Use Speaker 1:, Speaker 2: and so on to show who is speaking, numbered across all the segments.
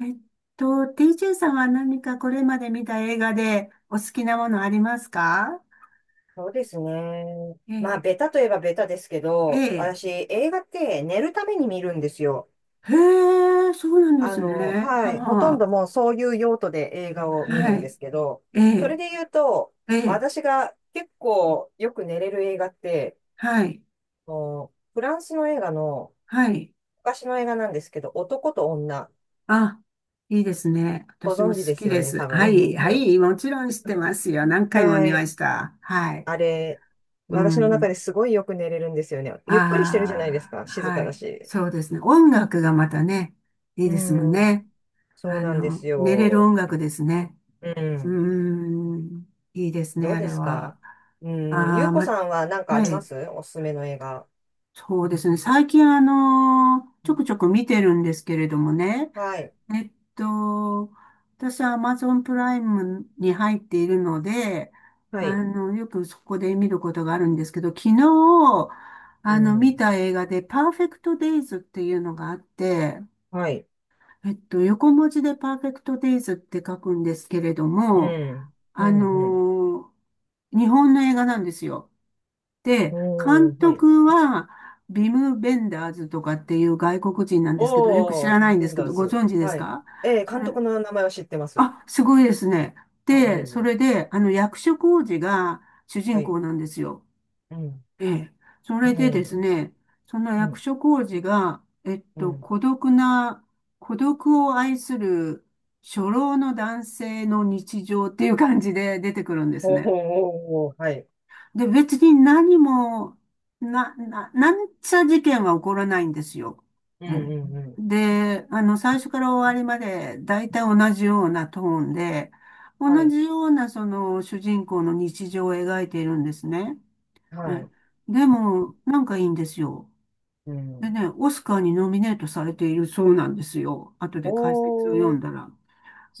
Speaker 1: えっと、TJ さんは何かこれまで見た映画でお好きなものありますか？
Speaker 2: そうですね。
Speaker 1: え
Speaker 2: まあ、ベ
Speaker 1: え。
Speaker 2: タといえばベタですけ
Speaker 1: え
Speaker 2: ど、
Speaker 1: え。
Speaker 2: 私、映画って寝るために見るんですよ。
Speaker 1: へえ、そうなんですね。
Speaker 2: はい。ほと
Speaker 1: は
Speaker 2: んど
Speaker 1: あ、
Speaker 2: もうそういう用途で映画を見る
Speaker 1: は
Speaker 2: んで
Speaker 1: い。
Speaker 2: すけど、
Speaker 1: え
Speaker 2: それ
Speaker 1: え。
Speaker 2: で言うと、
Speaker 1: ええ。
Speaker 2: 私が結構よく寝れる映画って、
Speaker 1: はい。
Speaker 2: フランスの映画の、
Speaker 1: はい。
Speaker 2: 昔の映画なんですけど、男と女、
Speaker 1: あ、いいですね。
Speaker 2: ご
Speaker 1: 私も
Speaker 2: 存知で
Speaker 1: 好き
Speaker 2: すよ
Speaker 1: で
Speaker 2: ね、
Speaker 1: す。
Speaker 2: 多
Speaker 1: はい。は
Speaker 2: 分。
Speaker 1: い。もちろん知ってますよ。何回も
Speaker 2: は
Speaker 1: 見まし
Speaker 2: い。
Speaker 1: た。はい。
Speaker 2: あれ、
Speaker 1: う
Speaker 2: 私の中
Speaker 1: ん。
Speaker 2: ですごいよく寝れるんですよね。ゆっくりしてるじゃないです
Speaker 1: あ
Speaker 2: か。
Speaker 1: あ、
Speaker 2: 静か
Speaker 1: は
Speaker 2: だ
Speaker 1: い。
Speaker 2: し。
Speaker 1: そうですね。音楽がまたね、いい
Speaker 2: う
Speaker 1: ですもん
Speaker 2: ん。
Speaker 1: ね。
Speaker 2: そうなんです
Speaker 1: 寝れる
Speaker 2: よ。
Speaker 1: 音楽ですね。
Speaker 2: う
Speaker 1: う
Speaker 2: ん。
Speaker 1: ーん、いいです
Speaker 2: ど
Speaker 1: ね、
Speaker 2: う
Speaker 1: あ
Speaker 2: で
Speaker 1: れ
Speaker 2: すか？
Speaker 1: は。
Speaker 2: うん。ゆ
Speaker 1: あ
Speaker 2: う
Speaker 1: あ、
Speaker 2: こ
Speaker 1: ま、
Speaker 2: さんは何かあり
Speaker 1: は
Speaker 2: ま
Speaker 1: い、
Speaker 2: す？おすすめの映画。
Speaker 1: そうですね。最近、
Speaker 2: う
Speaker 1: ちょ
Speaker 2: ん。
Speaker 1: くちょく見てるんですけれどもね。
Speaker 2: はい。
Speaker 1: えっと、私は Amazon プライムに入っているので、
Speaker 2: はい。
Speaker 1: よくそこで見ることがあるんですけど、昨日、
Speaker 2: う
Speaker 1: 見
Speaker 2: ん。
Speaker 1: た映画で、パーフェクトデイズっていうのがあって、
Speaker 2: はい。
Speaker 1: 横文字でパーフェクトデイズって書くんですけれど
Speaker 2: う
Speaker 1: も、
Speaker 2: ん。う
Speaker 1: あの
Speaker 2: ん。うん。
Speaker 1: ー日本の映画なんですよ。で、監
Speaker 2: おー、はい。
Speaker 1: 督はビム・ベンダーズとかっていう外国人なんですけど、よく知
Speaker 2: お
Speaker 1: らない
Speaker 2: ー、
Speaker 1: んで
Speaker 2: ベ
Speaker 1: す
Speaker 2: ン
Speaker 1: け
Speaker 2: ダー
Speaker 1: ど、ご
Speaker 2: ズ。
Speaker 1: 存知です
Speaker 2: はい。
Speaker 1: か？
Speaker 2: えー、
Speaker 1: そ
Speaker 2: 監
Speaker 1: れ、
Speaker 2: 督の名前は知ってます。
Speaker 1: あ、すごいですね。
Speaker 2: あ、いえ
Speaker 1: で、
Speaker 2: い
Speaker 1: そ
Speaker 2: え。
Speaker 1: れで、役所広司が主
Speaker 2: は
Speaker 1: 人
Speaker 2: い。
Speaker 1: 公なんですよ。
Speaker 2: うん。
Speaker 1: ええ。そ
Speaker 2: う
Speaker 1: れでです
Speaker 2: ん。
Speaker 1: ね、その
Speaker 2: う
Speaker 1: 役
Speaker 2: ん。
Speaker 1: 所広司が、
Speaker 2: うん。
Speaker 1: 孤独な、孤独を愛する初老の男性の日常っていう感じで出てくるんです
Speaker 2: おー、おー、
Speaker 1: ね。
Speaker 2: おー、はい。
Speaker 1: で、別に何も、なんちゃ事件は起こらないんですよ。
Speaker 2: う
Speaker 1: え
Speaker 2: ん。
Speaker 1: え。
Speaker 2: うん。うん。
Speaker 1: で、最初から終わりまで大体同じようなトーンで、同
Speaker 2: はい。
Speaker 1: じようなその主人公の日常を描いているんですね。
Speaker 2: は
Speaker 1: ね。
Speaker 2: い。
Speaker 1: でも、なんかいいんですよ。
Speaker 2: う
Speaker 1: で
Speaker 2: ん。
Speaker 1: ね、オスカーにノミネートされているそうなんですよ。後で解説を読
Speaker 2: お
Speaker 1: ん
Speaker 2: ー、
Speaker 1: だら。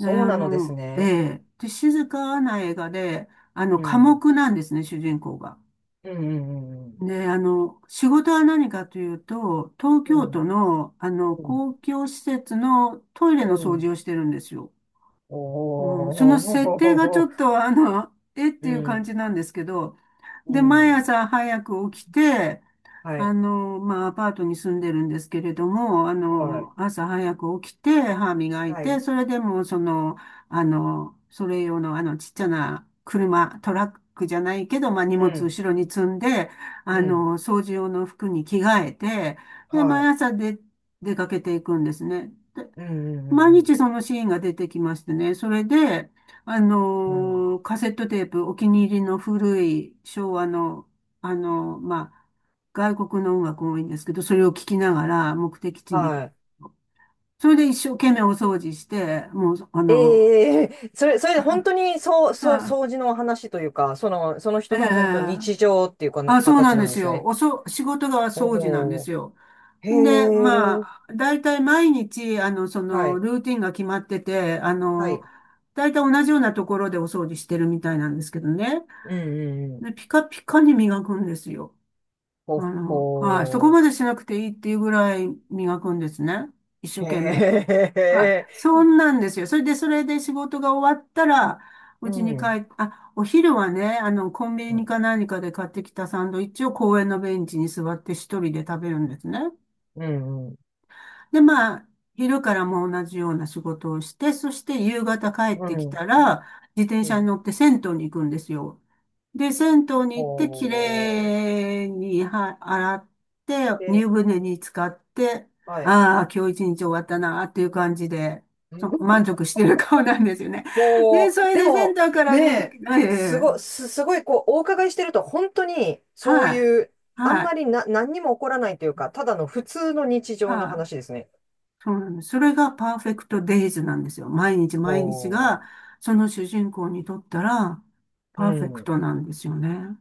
Speaker 1: ね、
Speaker 2: うなのです
Speaker 1: え
Speaker 2: ね。
Speaker 1: え、で、静かな映画で、
Speaker 2: う
Speaker 1: 寡
Speaker 2: ん。
Speaker 1: 黙なんですね、主人公が。
Speaker 2: うん。うんうん
Speaker 1: で、仕事は何かというと、東
Speaker 2: う
Speaker 1: 京
Speaker 2: ん。
Speaker 1: 都の、
Speaker 2: うん。
Speaker 1: 公共施設のトイ
Speaker 2: う
Speaker 1: レの掃
Speaker 2: ん。
Speaker 1: 除をしてるんですよ。
Speaker 2: お
Speaker 1: うん、その設定がち
Speaker 2: お
Speaker 1: ょっ
Speaker 2: ー。
Speaker 1: と、えって
Speaker 2: う
Speaker 1: いう感
Speaker 2: ん。
Speaker 1: じなんですけど、
Speaker 2: う
Speaker 1: で、毎
Speaker 2: ん。
Speaker 1: 朝早く起きて、
Speaker 2: はい。
Speaker 1: まあ、アパートに住んでるんですけれども、
Speaker 2: はい。
Speaker 1: 朝早く起きて、歯磨い
Speaker 2: は
Speaker 1: て、
Speaker 2: い。
Speaker 1: それでも、それ用の、ちっちゃな車、トラックじゃないけど、まあ、荷
Speaker 2: う
Speaker 1: 物
Speaker 2: ん。
Speaker 1: 後ろに積んで、
Speaker 2: うん。
Speaker 1: 掃除用の服に着替えて、で、
Speaker 2: は
Speaker 1: 毎
Speaker 2: い。
Speaker 1: 朝で、出かけていくんですね。
Speaker 2: うんうんうん
Speaker 1: 毎
Speaker 2: う
Speaker 1: 日
Speaker 2: ん。
Speaker 1: そのシーンが出てきましてね。それで、
Speaker 2: うん。
Speaker 1: カセットテープ、お気に入りの古い昭和の、まあ、外国の音楽多いんですけど、それを聞きながら目的地に、
Speaker 2: はい。
Speaker 1: それで一生懸命お掃除して、もう、
Speaker 2: ええ、それで本当に、掃 除の話というか、その
Speaker 1: え
Speaker 2: 人
Speaker 1: え。
Speaker 2: の本当日常っていうか、
Speaker 1: あ、そうな
Speaker 2: 形
Speaker 1: ん
Speaker 2: な
Speaker 1: で
Speaker 2: んで
Speaker 1: す
Speaker 2: す
Speaker 1: よ。
Speaker 2: ね。
Speaker 1: 仕事が
Speaker 2: ほ
Speaker 1: 掃除なんで
Speaker 2: ほ
Speaker 1: す
Speaker 2: う。
Speaker 1: よ。
Speaker 2: へ
Speaker 1: で、ま
Speaker 2: え。
Speaker 1: あ、大体毎日、
Speaker 2: はい。
Speaker 1: ルーティンが決まってて、
Speaker 2: はい。
Speaker 1: 大体同じようなところでお掃除してるみたいなんですけどね。
Speaker 2: うんうんうん。
Speaker 1: で、ピカピカに磨くんですよ。
Speaker 2: ほ
Speaker 1: はい。そこ
Speaker 2: ほ
Speaker 1: までしなくていいっていうぐらい磨くんですね。一生
Speaker 2: う。
Speaker 1: 懸命。
Speaker 2: へ
Speaker 1: はい。
Speaker 2: え。
Speaker 1: そんなんですよ。それで、仕事が終わったら、う
Speaker 2: う
Speaker 1: ちに帰
Speaker 2: ん。
Speaker 1: っ、あ、お昼はね、コンビ
Speaker 2: う
Speaker 1: ニ
Speaker 2: ん、
Speaker 1: か何かで買ってきたサンドイッチを公園のベンチに座って一人で食べるんですね。
Speaker 2: うん、うん、
Speaker 1: で、まあ、昼からも同じような仕事をして、そして夕方帰っ
Speaker 2: う
Speaker 1: てき
Speaker 2: ん。
Speaker 1: たら、自転
Speaker 2: う
Speaker 1: 車に
Speaker 2: ん。
Speaker 1: 乗って銭湯に行くんですよ。で、銭湯に行って、き
Speaker 2: ほう、
Speaker 1: れいには洗って、
Speaker 2: で、
Speaker 1: 湯船に浸かって、
Speaker 2: はい。
Speaker 1: ああ、今日一日終わったな、っていう感じで、満 足してる顔なんですよね。
Speaker 2: ほ
Speaker 1: で、
Speaker 2: う、
Speaker 1: それ
Speaker 2: で
Speaker 1: でセン
Speaker 2: も、
Speaker 1: ターから
Speaker 2: ね
Speaker 1: 出て
Speaker 2: え、
Speaker 1: きて、ええ、
Speaker 2: すごい、こう、お伺いしてると、本当に、そう
Speaker 1: はい、
Speaker 2: いう、あん
Speaker 1: は
Speaker 2: ま
Speaker 1: い、
Speaker 2: りな、何にも起こらないというか、ただの普通の日常の
Speaker 1: はい。
Speaker 2: 話ですね。
Speaker 1: そうなんです。それがパーフェクトデイズなんですよ。毎日
Speaker 2: ほ
Speaker 1: 毎日が、その主人公にとったら、
Speaker 2: う、う
Speaker 1: パーフェク
Speaker 2: ん。
Speaker 1: トなんですよね。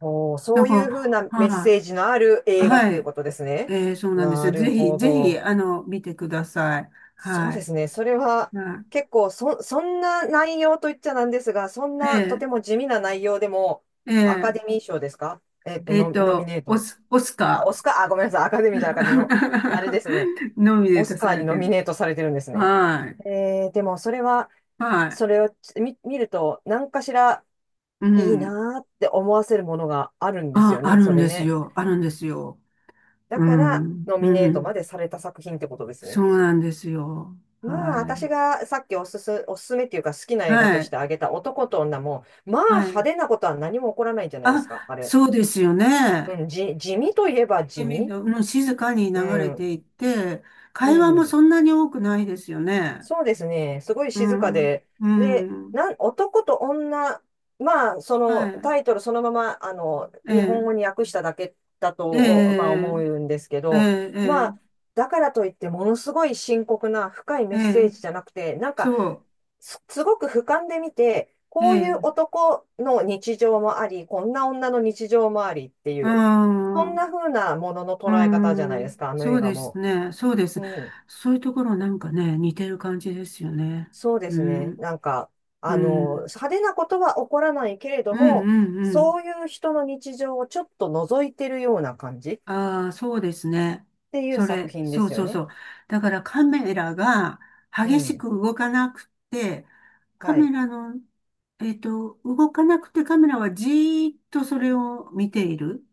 Speaker 2: ほう、そ
Speaker 1: だ
Speaker 2: ういうふう
Speaker 1: か
Speaker 2: な
Speaker 1: ら、
Speaker 2: メッ
Speaker 1: はい。
Speaker 2: セージのある映画っ
Speaker 1: は
Speaker 2: ていう
Speaker 1: い。
Speaker 2: ことですね。
Speaker 1: そうなんです
Speaker 2: な
Speaker 1: よ。
Speaker 2: る
Speaker 1: ぜひ、
Speaker 2: ほ
Speaker 1: ぜひ、
Speaker 2: ど。
Speaker 1: 見てください。
Speaker 2: そう
Speaker 1: は
Speaker 2: で
Speaker 1: い。
Speaker 2: すね。それは
Speaker 1: は
Speaker 2: 結構、そんな内容といっちゃなんですが、そん
Speaker 1: い、
Speaker 2: なとても地味な内容でも、
Speaker 1: ー、
Speaker 2: アカ
Speaker 1: え
Speaker 2: デミー賞ですか？ノミネート。
Speaker 1: オス
Speaker 2: あ、オ
Speaker 1: カ
Speaker 2: スカー、あ、ごめんなさい。アカデ
Speaker 1: ー
Speaker 2: ミーじゃなかったの。あれですね。
Speaker 1: ノミネ
Speaker 2: オ
Speaker 1: ート
Speaker 2: スカ
Speaker 1: さ
Speaker 2: ーに
Speaker 1: れ
Speaker 2: ノ
Speaker 1: て
Speaker 2: ミ
Speaker 1: る。
Speaker 2: ネートされてるんですね。
Speaker 1: はい。
Speaker 2: えー、でもそれは、
Speaker 1: は
Speaker 2: それ
Speaker 1: い。
Speaker 2: を見ると、何かしら
Speaker 1: う
Speaker 2: いい
Speaker 1: ん。
Speaker 2: なーって思わせるものがあるんです
Speaker 1: あ、
Speaker 2: よ
Speaker 1: あ
Speaker 2: ね。
Speaker 1: る
Speaker 2: そ
Speaker 1: ん
Speaker 2: れ
Speaker 1: です
Speaker 2: ね。
Speaker 1: よ。あるんですよ。
Speaker 2: だ
Speaker 1: う
Speaker 2: から、
Speaker 1: ん。
Speaker 2: ノミ
Speaker 1: う
Speaker 2: ネートま
Speaker 1: ん。
Speaker 2: でされた作品ってことです
Speaker 1: そ
Speaker 2: ね。
Speaker 1: うなんですよ。
Speaker 2: まあ、
Speaker 1: は
Speaker 2: 私がさっきおすすめっていうか好きな
Speaker 1: い。
Speaker 2: 映画
Speaker 1: は
Speaker 2: とし
Speaker 1: い。
Speaker 2: て挙げた男と女も、まあ
Speaker 1: は
Speaker 2: 派
Speaker 1: い。
Speaker 2: 手なことは何も起こらないんじゃないで
Speaker 1: あ、
Speaker 2: すか、あれ。
Speaker 1: そうですよ
Speaker 2: う
Speaker 1: ね。
Speaker 2: ん、地味といえば
Speaker 1: で
Speaker 2: 地
Speaker 1: み
Speaker 2: 味。
Speaker 1: うん、静かに
Speaker 2: う
Speaker 1: 流れ
Speaker 2: ん、
Speaker 1: ていって、
Speaker 2: う
Speaker 1: 会話も
Speaker 2: ん。
Speaker 1: そんなに多くないですよね。
Speaker 2: そうですね。すごい
Speaker 1: う
Speaker 2: 静か
Speaker 1: ん。
Speaker 2: で。
Speaker 1: う
Speaker 2: で、
Speaker 1: ん。
Speaker 2: 男と女、まあ、そ
Speaker 1: は
Speaker 2: の
Speaker 1: い。
Speaker 2: タイトルそのまま、
Speaker 1: え
Speaker 2: 日本語
Speaker 1: え。
Speaker 2: に訳しただけだと、
Speaker 1: え
Speaker 2: おまあ思
Speaker 1: え。
Speaker 2: うんですけ
Speaker 1: え
Speaker 2: ど、
Speaker 1: え。え
Speaker 2: まあ、
Speaker 1: え。
Speaker 2: だからといってものすごい深刻な深い
Speaker 1: え
Speaker 2: メッセー
Speaker 1: え、
Speaker 2: ジじゃなくて、なんか、
Speaker 1: そ
Speaker 2: すごく俯瞰で見て、
Speaker 1: う。え
Speaker 2: こういう
Speaker 1: え。
Speaker 2: 男の日常もあり、こんな女の日常もありってい
Speaker 1: う
Speaker 2: う、そん
Speaker 1: ん。
Speaker 2: な風なものの
Speaker 1: う
Speaker 2: 捉え方じゃないです
Speaker 1: ん。
Speaker 2: か、あの
Speaker 1: そ
Speaker 2: 映
Speaker 1: う
Speaker 2: 画
Speaker 1: です
Speaker 2: も。
Speaker 1: ね。そうです。
Speaker 2: うん。
Speaker 1: そういうところなんかね、似てる感じですよね。
Speaker 2: そうで
Speaker 1: う
Speaker 2: すね。
Speaker 1: ん。
Speaker 2: なんか、
Speaker 1: うん。
Speaker 2: 派手なことは起こらないけれ
Speaker 1: う
Speaker 2: ど
Speaker 1: んう
Speaker 2: も、
Speaker 1: んうん。
Speaker 2: そういう人の日常をちょっと覗いてるような感じっ
Speaker 1: ああ、そうですね。
Speaker 2: ていう作品で
Speaker 1: そう
Speaker 2: すよ
Speaker 1: そう
Speaker 2: ね。
Speaker 1: そう。だからカメラが
Speaker 2: う
Speaker 1: 激し
Speaker 2: ん。
Speaker 1: く動かなくて、カ
Speaker 2: は
Speaker 1: メ
Speaker 2: い。
Speaker 1: ラの、動かなくてカメラはじーっとそれを見ている。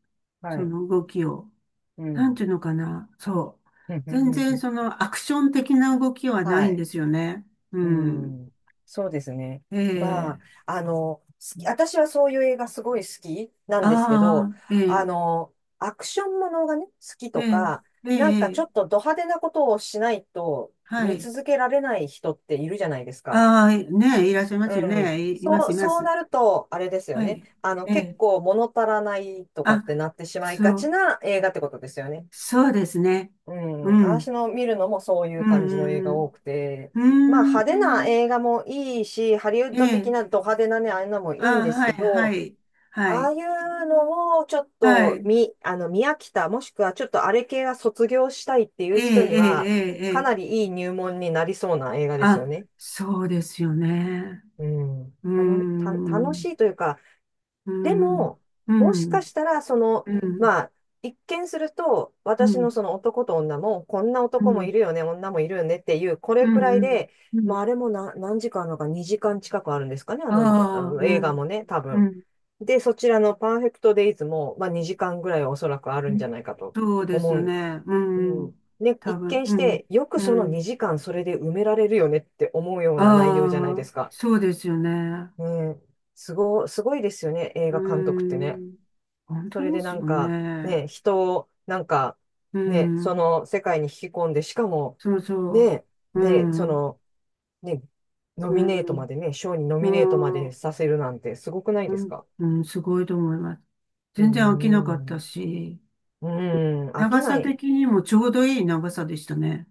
Speaker 2: は
Speaker 1: そ
Speaker 2: い。
Speaker 1: の動きを。
Speaker 2: う
Speaker 1: なん
Speaker 2: ん。
Speaker 1: ていうのかな。そう。全然そ のアクション的な動きはな
Speaker 2: は
Speaker 1: いん
Speaker 2: い。
Speaker 1: ですよね。う
Speaker 2: う
Speaker 1: ん。
Speaker 2: ん、そうですね。
Speaker 1: え
Speaker 2: まあ、
Speaker 1: え。
Speaker 2: あの、好私はそういう映画すごい好きなんですけど、
Speaker 1: ああ、え
Speaker 2: あ
Speaker 1: え、
Speaker 2: の、アクションものがね、好き
Speaker 1: え
Speaker 2: と
Speaker 1: え、
Speaker 2: か、
Speaker 1: ええ、
Speaker 2: なんかち
Speaker 1: え
Speaker 2: ょ
Speaker 1: え。
Speaker 2: っとド派手なことをしないと
Speaker 1: は
Speaker 2: 見
Speaker 1: い。
Speaker 2: 続けられない人っているじゃないですか。
Speaker 1: ああ、ねえ、いらっしゃいま
Speaker 2: う
Speaker 1: すよ
Speaker 2: ん。
Speaker 1: ね。いいま
Speaker 2: そ
Speaker 1: す、
Speaker 2: う、
Speaker 1: いま
Speaker 2: そう
Speaker 1: す。
Speaker 2: なると、あれですよ
Speaker 1: は
Speaker 2: ね。
Speaker 1: い。え
Speaker 2: 結
Speaker 1: え。
Speaker 2: 構物足らないとか
Speaker 1: あ、
Speaker 2: ってなってしまいが
Speaker 1: そ
Speaker 2: ち
Speaker 1: う、
Speaker 2: な映画ってことですよね。
Speaker 1: そうですね。
Speaker 2: う
Speaker 1: う
Speaker 2: ん、私
Speaker 1: ん。
Speaker 2: の見るのもそうい
Speaker 1: う
Speaker 2: う感じの映
Speaker 1: ん、
Speaker 2: 画
Speaker 1: うん、
Speaker 2: 多くて、
Speaker 1: う
Speaker 2: まあ
Speaker 1: ん。う
Speaker 2: 派手な
Speaker 1: ーん。
Speaker 2: 映画もいいし、ハリウッ
Speaker 1: え
Speaker 2: ド的な
Speaker 1: え。
Speaker 2: ド派手なね、ああいうのもいいん
Speaker 1: あ、
Speaker 2: です
Speaker 1: はい、
Speaker 2: け
Speaker 1: は
Speaker 2: ど、
Speaker 1: い。は
Speaker 2: ああ
Speaker 1: い。
Speaker 2: いうのをちょっ
Speaker 1: は
Speaker 2: と
Speaker 1: い。
Speaker 2: 見、あの、見飽きた、もしくはちょっとあれ系は卒業したいってい
Speaker 1: え
Speaker 2: う
Speaker 1: え、
Speaker 2: 人
Speaker 1: え
Speaker 2: に
Speaker 1: え、
Speaker 2: は、
Speaker 1: ええ。
Speaker 2: かな
Speaker 1: ええ。
Speaker 2: りいい入門になりそうな映画ですよ
Speaker 1: あ、
Speaker 2: ね。
Speaker 1: そうですよね。
Speaker 2: うん。
Speaker 1: うー
Speaker 2: 楽
Speaker 1: ん。
Speaker 2: しいというか、
Speaker 1: う
Speaker 2: で
Speaker 1: ん。
Speaker 2: も、
Speaker 1: う
Speaker 2: もしか
Speaker 1: ん。
Speaker 2: したら、
Speaker 1: うん。
Speaker 2: まあ、一見すると、
Speaker 1: う
Speaker 2: 私の
Speaker 1: ん。
Speaker 2: その男と女も、こんな
Speaker 1: う
Speaker 2: 男も
Speaker 1: ん。
Speaker 2: いるよね、女もいるよねっていう、こ
Speaker 1: う
Speaker 2: れくらい
Speaker 1: ん。
Speaker 2: で、
Speaker 1: う
Speaker 2: ま
Speaker 1: ん。
Speaker 2: あ、あれもな、何時間あるのか、2時間近くあるんですかね、あ
Speaker 1: あ
Speaker 2: の、あ
Speaker 1: あ、
Speaker 2: の
Speaker 1: う
Speaker 2: 映画
Speaker 1: ん。
Speaker 2: もね、多
Speaker 1: う
Speaker 2: 分。
Speaker 1: ん。
Speaker 2: で、そちらのパーフェクトデイズも、まあ、2時間ぐらいはおそらくあ
Speaker 1: う
Speaker 2: るんじ
Speaker 1: ん。
Speaker 2: ゃないかと
Speaker 1: そうです
Speaker 2: 思
Speaker 1: よ
Speaker 2: う。
Speaker 1: ね。
Speaker 2: う
Speaker 1: うん。
Speaker 2: ん。ね、
Speaker 1: 多
Speaker 2: 一
Speaker 1: 分、
Speaker 2: 見
Speaker 1: う
Speaker 2: し
Speaker 1: ん。
Speaker 2: て、よく
Speaker 1: う
Speaker 2: その
Speaker 1: ん。
Speaker 2: 2時間それで埋められるよねって思うような内容じゃない
Speaker 1: あ
Speaker 2: で
Speaker 1: あ、
Speaker 2: すか。
Speaker 1: そうですよね。
Speaker 2: うん、すごいですよね、映
Speaker 1: うー
Speaker 2: 画監督ってね。
Speaker 1: ん。本
Speaker 2: そ
Speaker 1: 当
Speaker 2: れで
Speaker 1: で
Speaker 2: な
Speaker 1: す
Speaker 2: ん
Speaker 1: よ
Speaker 2: か、
Speaker 1: ね。
Speaker 2: ね、人を、なんか、
Speaker 1: う
Speaker 2: ね、そ
Speaker 1: ん。
Speaker 2: の世界に引き込んで、しかも、
Speaker 1: そうそ
Speaker 2: ね、
Speaker 1: う。
Speaker 2: で、そ
Speaker 1: うん。
Speaker 2: の、ね、ノ
Speaker 1: う
Speaker 2: ミネートま
Speaker 1: ん。
Speaker 2: でね、賞にノミネートま
Speaker 1: う
Speaker 2: で
Speaker 1: ん。
Speaker 2: させるなんてすごくない
Speaker 1: う
Speaker 2: です
Speaker 1: ん、
Speaker 2: か？
Speaker 1: うん。すごいと思います。
Speaker 2: うー
Speaker 1: 全然飽きなかっ
Speaker 2: ん。
Speaker 1: た
Speaker 2: う
Speaker 1: し、
Speaker 2: ーん。飽き
Speaker 1: 長
Speaker 2: な
Speaker 1: さ
Speaker 2: い。
Speaker 1: 的にもちょうどいい長さでしたね。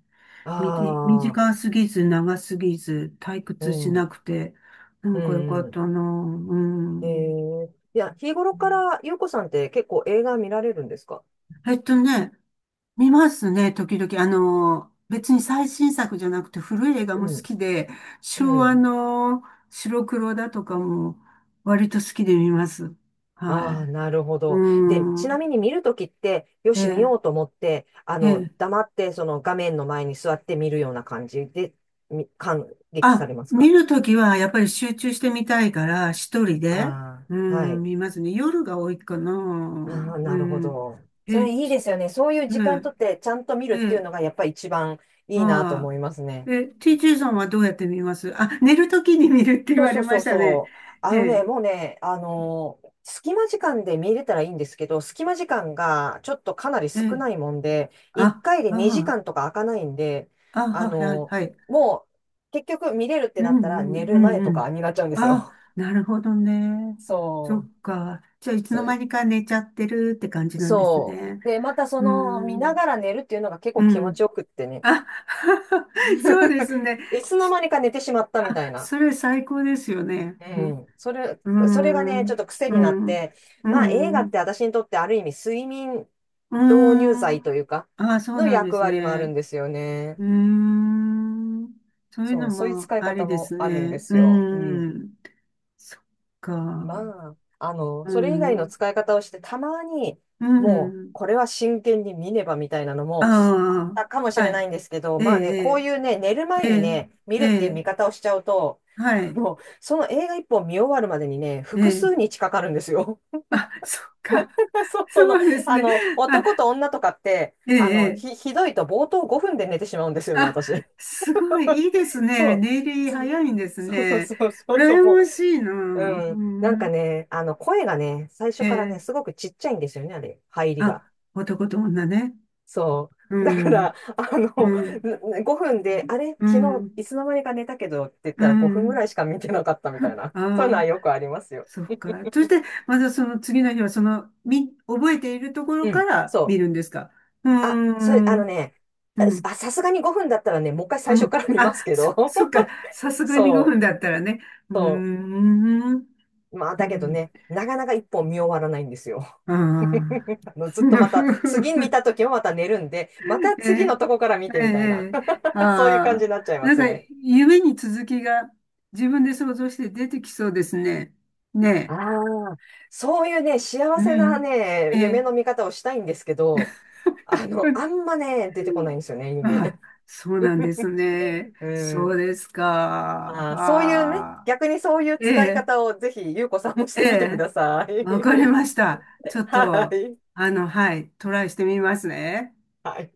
Speaker 1: み、
Speaker 2: あ
Speaker 1: 短
Speaker 2: あ、
Speaker 1: すぎず、長すぎず、退
Speaker 2: う
Speaker 1: 屈しな
Speaker 2: ん。
Speaker 1: くて、な
Speaker 2: う
Speaker 1: んかよか
Speaker 2: んう
Speaker 1: っ
Speaker 2: ん。
Speaker 1: たな。う
Speaker 2: え
Speaker 1: ん。
Speaker 2: ー、いや、日頃から、ゆうこさんって結構映画見られるんですか？
Speaker 1: えっとね、見ますね、時々。別に最新作じゃなくて古い映画も
Speaker 2: う
Speaker 1: 好
Speaker 2: ん。
Speaker 1: きで、昭
Speaker 2: う
Speaker 1: 和
Speaker 2: ん。
Speaker 1: の白黒だとかも割と好きで見ます。は
Speaker 2: ああ、なるほ
Speaker 1: い。
Speaker 2: ど。で、
Speaker 1: う
Speaker 2: ちなみ
Speaker 1: ん。
Speaker 2: に見るときって、よ
Speaker 1: え
Speaker 2: し、見よ
Speaker 1: え、
Speaker 2: うと思って、
Speaker 1: ええ。
Speaker 2: 黙って、その画面の前に座って見るような感じで、感激さ
Speaker 1: あ、
Speaker 2: れます
Speaker 1: 見
Speaker 2: か？
Speaker 1: るときはやっぱり集中してみたいから、一人で、
Speaker 2: あ
Speaker 1: う
Speaker 2: あ、は
Speaker 1: ん、
Speaker 2: い。
Speaker 1: 見ますね。夜が多いかな。う
Speaker 2: ああ、なるほ
Speaker 1: ん。
Speaker 2: ど。そ
Speaker 1: え
Speaker 2: れいいですよね。そういう
Speaker 1: え、
Speaker 2: 時間とって、ちゃんと見る
Speaker 1: え
Speaker 2: っていう
Speaker 1: え。
Speaker 2: のが、やっぱり一番いいなと
Speaker 1: は
Speaker 2: 思います
Speaker 1: い。
Speaker 2: ね。
Speaker 1: TJ さんはどうやって見ます？あ、寝るときに見るって言
Speaker 2: そう
Speaker 1: わ
Speaker 2: そ
Speaker 1: れ
Speaker 2: う
Speaker 1: ま
Speaker 2: そ
Speaker 1: し
Speaker 2: う
Speaker 1: たね。
Speaker 2: そう。
Speaker 1: え
Speaker 2: あのね、
Speaker 1: え、
Speaker 2: もうね、隙間時間で見れたらいいんですけど、隙間時間がちょっとかなり
Speaker 1: え
Speaker 2: 少
Speaker 1: え、
Speaker 2: ないもんで、1
Speaker 1: あ、
Speaker 2: 回で
Speaker 1: あ
Speaker 2: 2時
Speaker 1: あ、
Speaker 2: 間とか開かないんで、
Speaker 1: あ、
Speaker 2: あ
Speaker 1: はい、はい。
Speaker 2: の
Speaker 1: はい。
Speaker 2: もう結局見れるって
Speaker 1: う
Speaker 2: なった
Speaker 1: んう
Speaker 2: ら寝
Speaker 1: ん、
Speaker 2: る
Speaker 1: う
Speaker 2: 前
Speaker 1: ん、う
Speaker 2: とか
Speaker 1: ん。
Speaker 2: になっちゃうんです
Speaker 1: あ、
Speaker 2: よ。
Speaker 1: なるほどね。そ
Speaker 2: そう。
Speaker 1: っか。じゃあ、いつ
Speaker 2: そ
Speaker 1: の間にか寝ちゃってるって感じなんです
Speaker 2: そ
Speaker 1: ね。
Speaker 2: う。で、またそ
Speaker 1: うー
Speaker 2: の見な
Speaker 1: ん、
Speaker 2: がら寝るっていうのが結
Speaker 1: う
Speaker 2: 構気持
Speaker 1: ん。
Speaker 2: ちよくってね。
Speaker 1: あ、そうで すね。
Speaker 2: いつの間にか寝てしまったみ
Speaker 1: あ、
Speaker 2: たいな。
Speaker 1: それ最高ですよね。
Speaker 2: う
Speaker 1: うん、
Speaker 2: ん。
Speaker 1: うー
Speaker 2: それがね、ちょっ
Speaker 1: ん、
Speaker 2: と癖
Speaker 1: う
Speaker 2: になっ
Speaker 1: ん、
Speaker 2: て、
Speaker 1: う
Speaker 2: まあ映画って
Speaker 1: ん。
Speaker 2: 私にとってある意味睡眠
Speaker 1: うー
Speaker 2: 導入
Speaker 1: ん。
Speaker 2: 剤というか、
Speaker 1: ああ、そう
Speaker 2: の
Speaker 1: なんで
Speaker 2: 役
Speaker 1: す
Speaker 2: 割もある
Speaker 1: ね。
Speaker 2: んですよね。
Speaker 1: うーん。そういう
Speaker 2: そ
Speaker 1: の
Speaker 2: う、そういう
Speaker 1: も
Speaker 2: 使い
Speaker 1: あ
Speaker 2: 方
Speaker 1: りで
Speaker 2: も
Speaker 1: す
Speaker 2: あるんで
Speaker 1: ね。
Speaker 2: す
Speaker 1: う
Speaker 2: よ。う
Speaker 1: ー
Speaker 2: ん。
Speaker 1: ん。そっか。
Speaker 2: まあ、
Speaker 1: う
Speaker 2: それ以外の
Speaker 1: ん。
Speaker 2: 使い方をして、たまに、
Speaker 1: う
Speaker 2: もう、
Speaker 1: ん。
Speaker 2: これは真剣に見ねばみたいなのもあっ
Speaker 1: あ
Speaker 2: たかも
Speaker 1: あ、
Speaker 2: し
Speaker 1: は
Speaker 2: れな
Speaker 1: い。
Speaker 2: いんですけど、
Speaker 1: え
Speaker 2: まあね、こう
Speaker 1: え、
Speaker 2: いうね、寝る前
Speaker 1: ええ、
Speaker 2: にね、見
Speaker 1: ええ、
Speaker 2: るっていう
Speaker 1: え
Speaker 2: 見
Speaker 1: え。
Speaker 2: 方をしちゃうと、
Speaker 1: はい。
Speaker 2: もう、その映画一本見終わるまでにね、
Speaker 1: え
Speaker 2: 複数
Speaker 1: え。
Speaker 2: 日かかるんですよ。
Speaker 1: あ、そっか。
Speaker 2: そう、
Speaker 1: そうですね。あ、
Speaker 2: 男と女とかって、
Speaker 1: ええ、ええ。
Speaker 2: ひどいと冒頭5分で寝てしまうんですよね、
Speaker 1: あ、
Speaker 2: 私。
Speaker 1: すごい、いいですね。
Speaker 2: そ
Speaker 1: ネイ
Speaker 2: う。
Speaker 1: リ早いんです
Speaker 2: そうそう
Speaker 1: ね。
Speaker 2: そうそうそう、
Speaker 1: 羨
Speaker 2: も
Speaker 1: ましいな。う
Speaker 2: う、うん。なんか
Speaker 1: ん。
Speaker 2: ね、声がね、最初からね、
Speaker 1: え
Speaker 2: す
Speaker 1: え。
Speaker 2: ごくちっちゃいんですよね、あれ、入りが。
Speaker 1: あ、男と女ね。
Speaker 2: そ
Speaker 1: う
Speaker 2: う。だか
Speaker 1: ん、
Speaker 2: ら、
Speaker 1: うん、
Speaker 2: 5分で、あれ、
Speaker 1: う
Speaker 2: 昨日、
Speaker 1: ん、
Speaker 2: いつの間にか寝たけどって言っ
Speaker 1: う
Speaker 2: たら5分ぐ
Speaker 1: ん。
Speaker 2: らいしか見てなかったみたいな。そういうの
Speaker 1: あ
Speaker 2: は
Speaker 1: あ、
Speaker 2: よくありますよ。
Speaker 1: そっか。そして、またその次の日は、覚えているところ
Speaker 2: う
Speaker 1: か
Speaker 2: ん。
Speaker 1: ら見
Speaker 2: そう。
Speaker 1: るんですか？うー
Speaker 2: あ、それ、あの
Speaker 1: ん、
Speaker 2: ね、
Speaker 1: うん、
Speaker 2: あ、さすがに5分だったらね、もう一回
Speaker 1: う
Speaker 2: 最初
Speaker 1: ん。
Speaker 2: から見ます
Speaker 1: あ、
Speaker 2: け
Speaker 1: そ、
Speaker 2: ど。
Speaker 1: そっか。さすがに5
Speaker 2: そ
Speaker 1: 分だったらね。
Speaker 2: う、
Speaker 1: うー
Speaker 2: そ
Speaker 1: ん、
Speaker 2: う。まあ、
Speaker 1: う
Speaker 2: だけど
Speaker 1: ん。
Speaker 2: ね、なかなか一本見終わらないんですよ。
Speaker 1: あ あ。
Speaker 2: ずっとまた、次見 た時もまた寝るんで、また
Speaker 1: え
Speaker 2: 次
Speaker 1: え、ね
Speaker 2: のとこから見てみ
Speaker 1: え、
Speaker 2: たいな。
Speaker 1: ねえ、
Speaker 2: そういう感じ
Speaker 1: ああ、
Speaker 2: になっちゃいま
Speaker 1: なん
Speaker 2: す
Speaker 1: か
Speaker 2: ね。
Speaker 1: 夢に続きが自分で想像して出てきそうですね。ね
Speaker 2: ああ、そういうね、
Speaker 1: え、
Speaker 2: 幸
Speaker 1: う
Speaker 2: せな
Speaker 1: ん、
Speaker 2: ね、
Speaker 1: ええ、
Speaker 2: 夢の見方をしたいんですけど、あんまね、出てこないんですよね、
Speaker 1: あ
Speaker 2: 夢。
Speaker 1: あ、そうなんですね。
Speaker 2: う
Speaker 1: そう
Speaker 2: ん。
Speaker 1: ですか。
Speaker 2: ああ、そういうね、
Speaker 1: ああ、
Speaker 2: 逆にそういう
Speaker 1: え
Speaker 2: 使い
Speaker 1: え、
Speaker 2: 方をぜひ、ゆうこさんもし
Speaker 1: え
Speaker 2: てみてく
Speaker 1: え、
Speaker 2: ださい。
Speaker 1: わかり ました。ちょっ
Speaker 2: は
Speaker 1: と、
Speaker 2: い。
Speaker 1: はい、トライしてみますね。
Speaker 2: はい。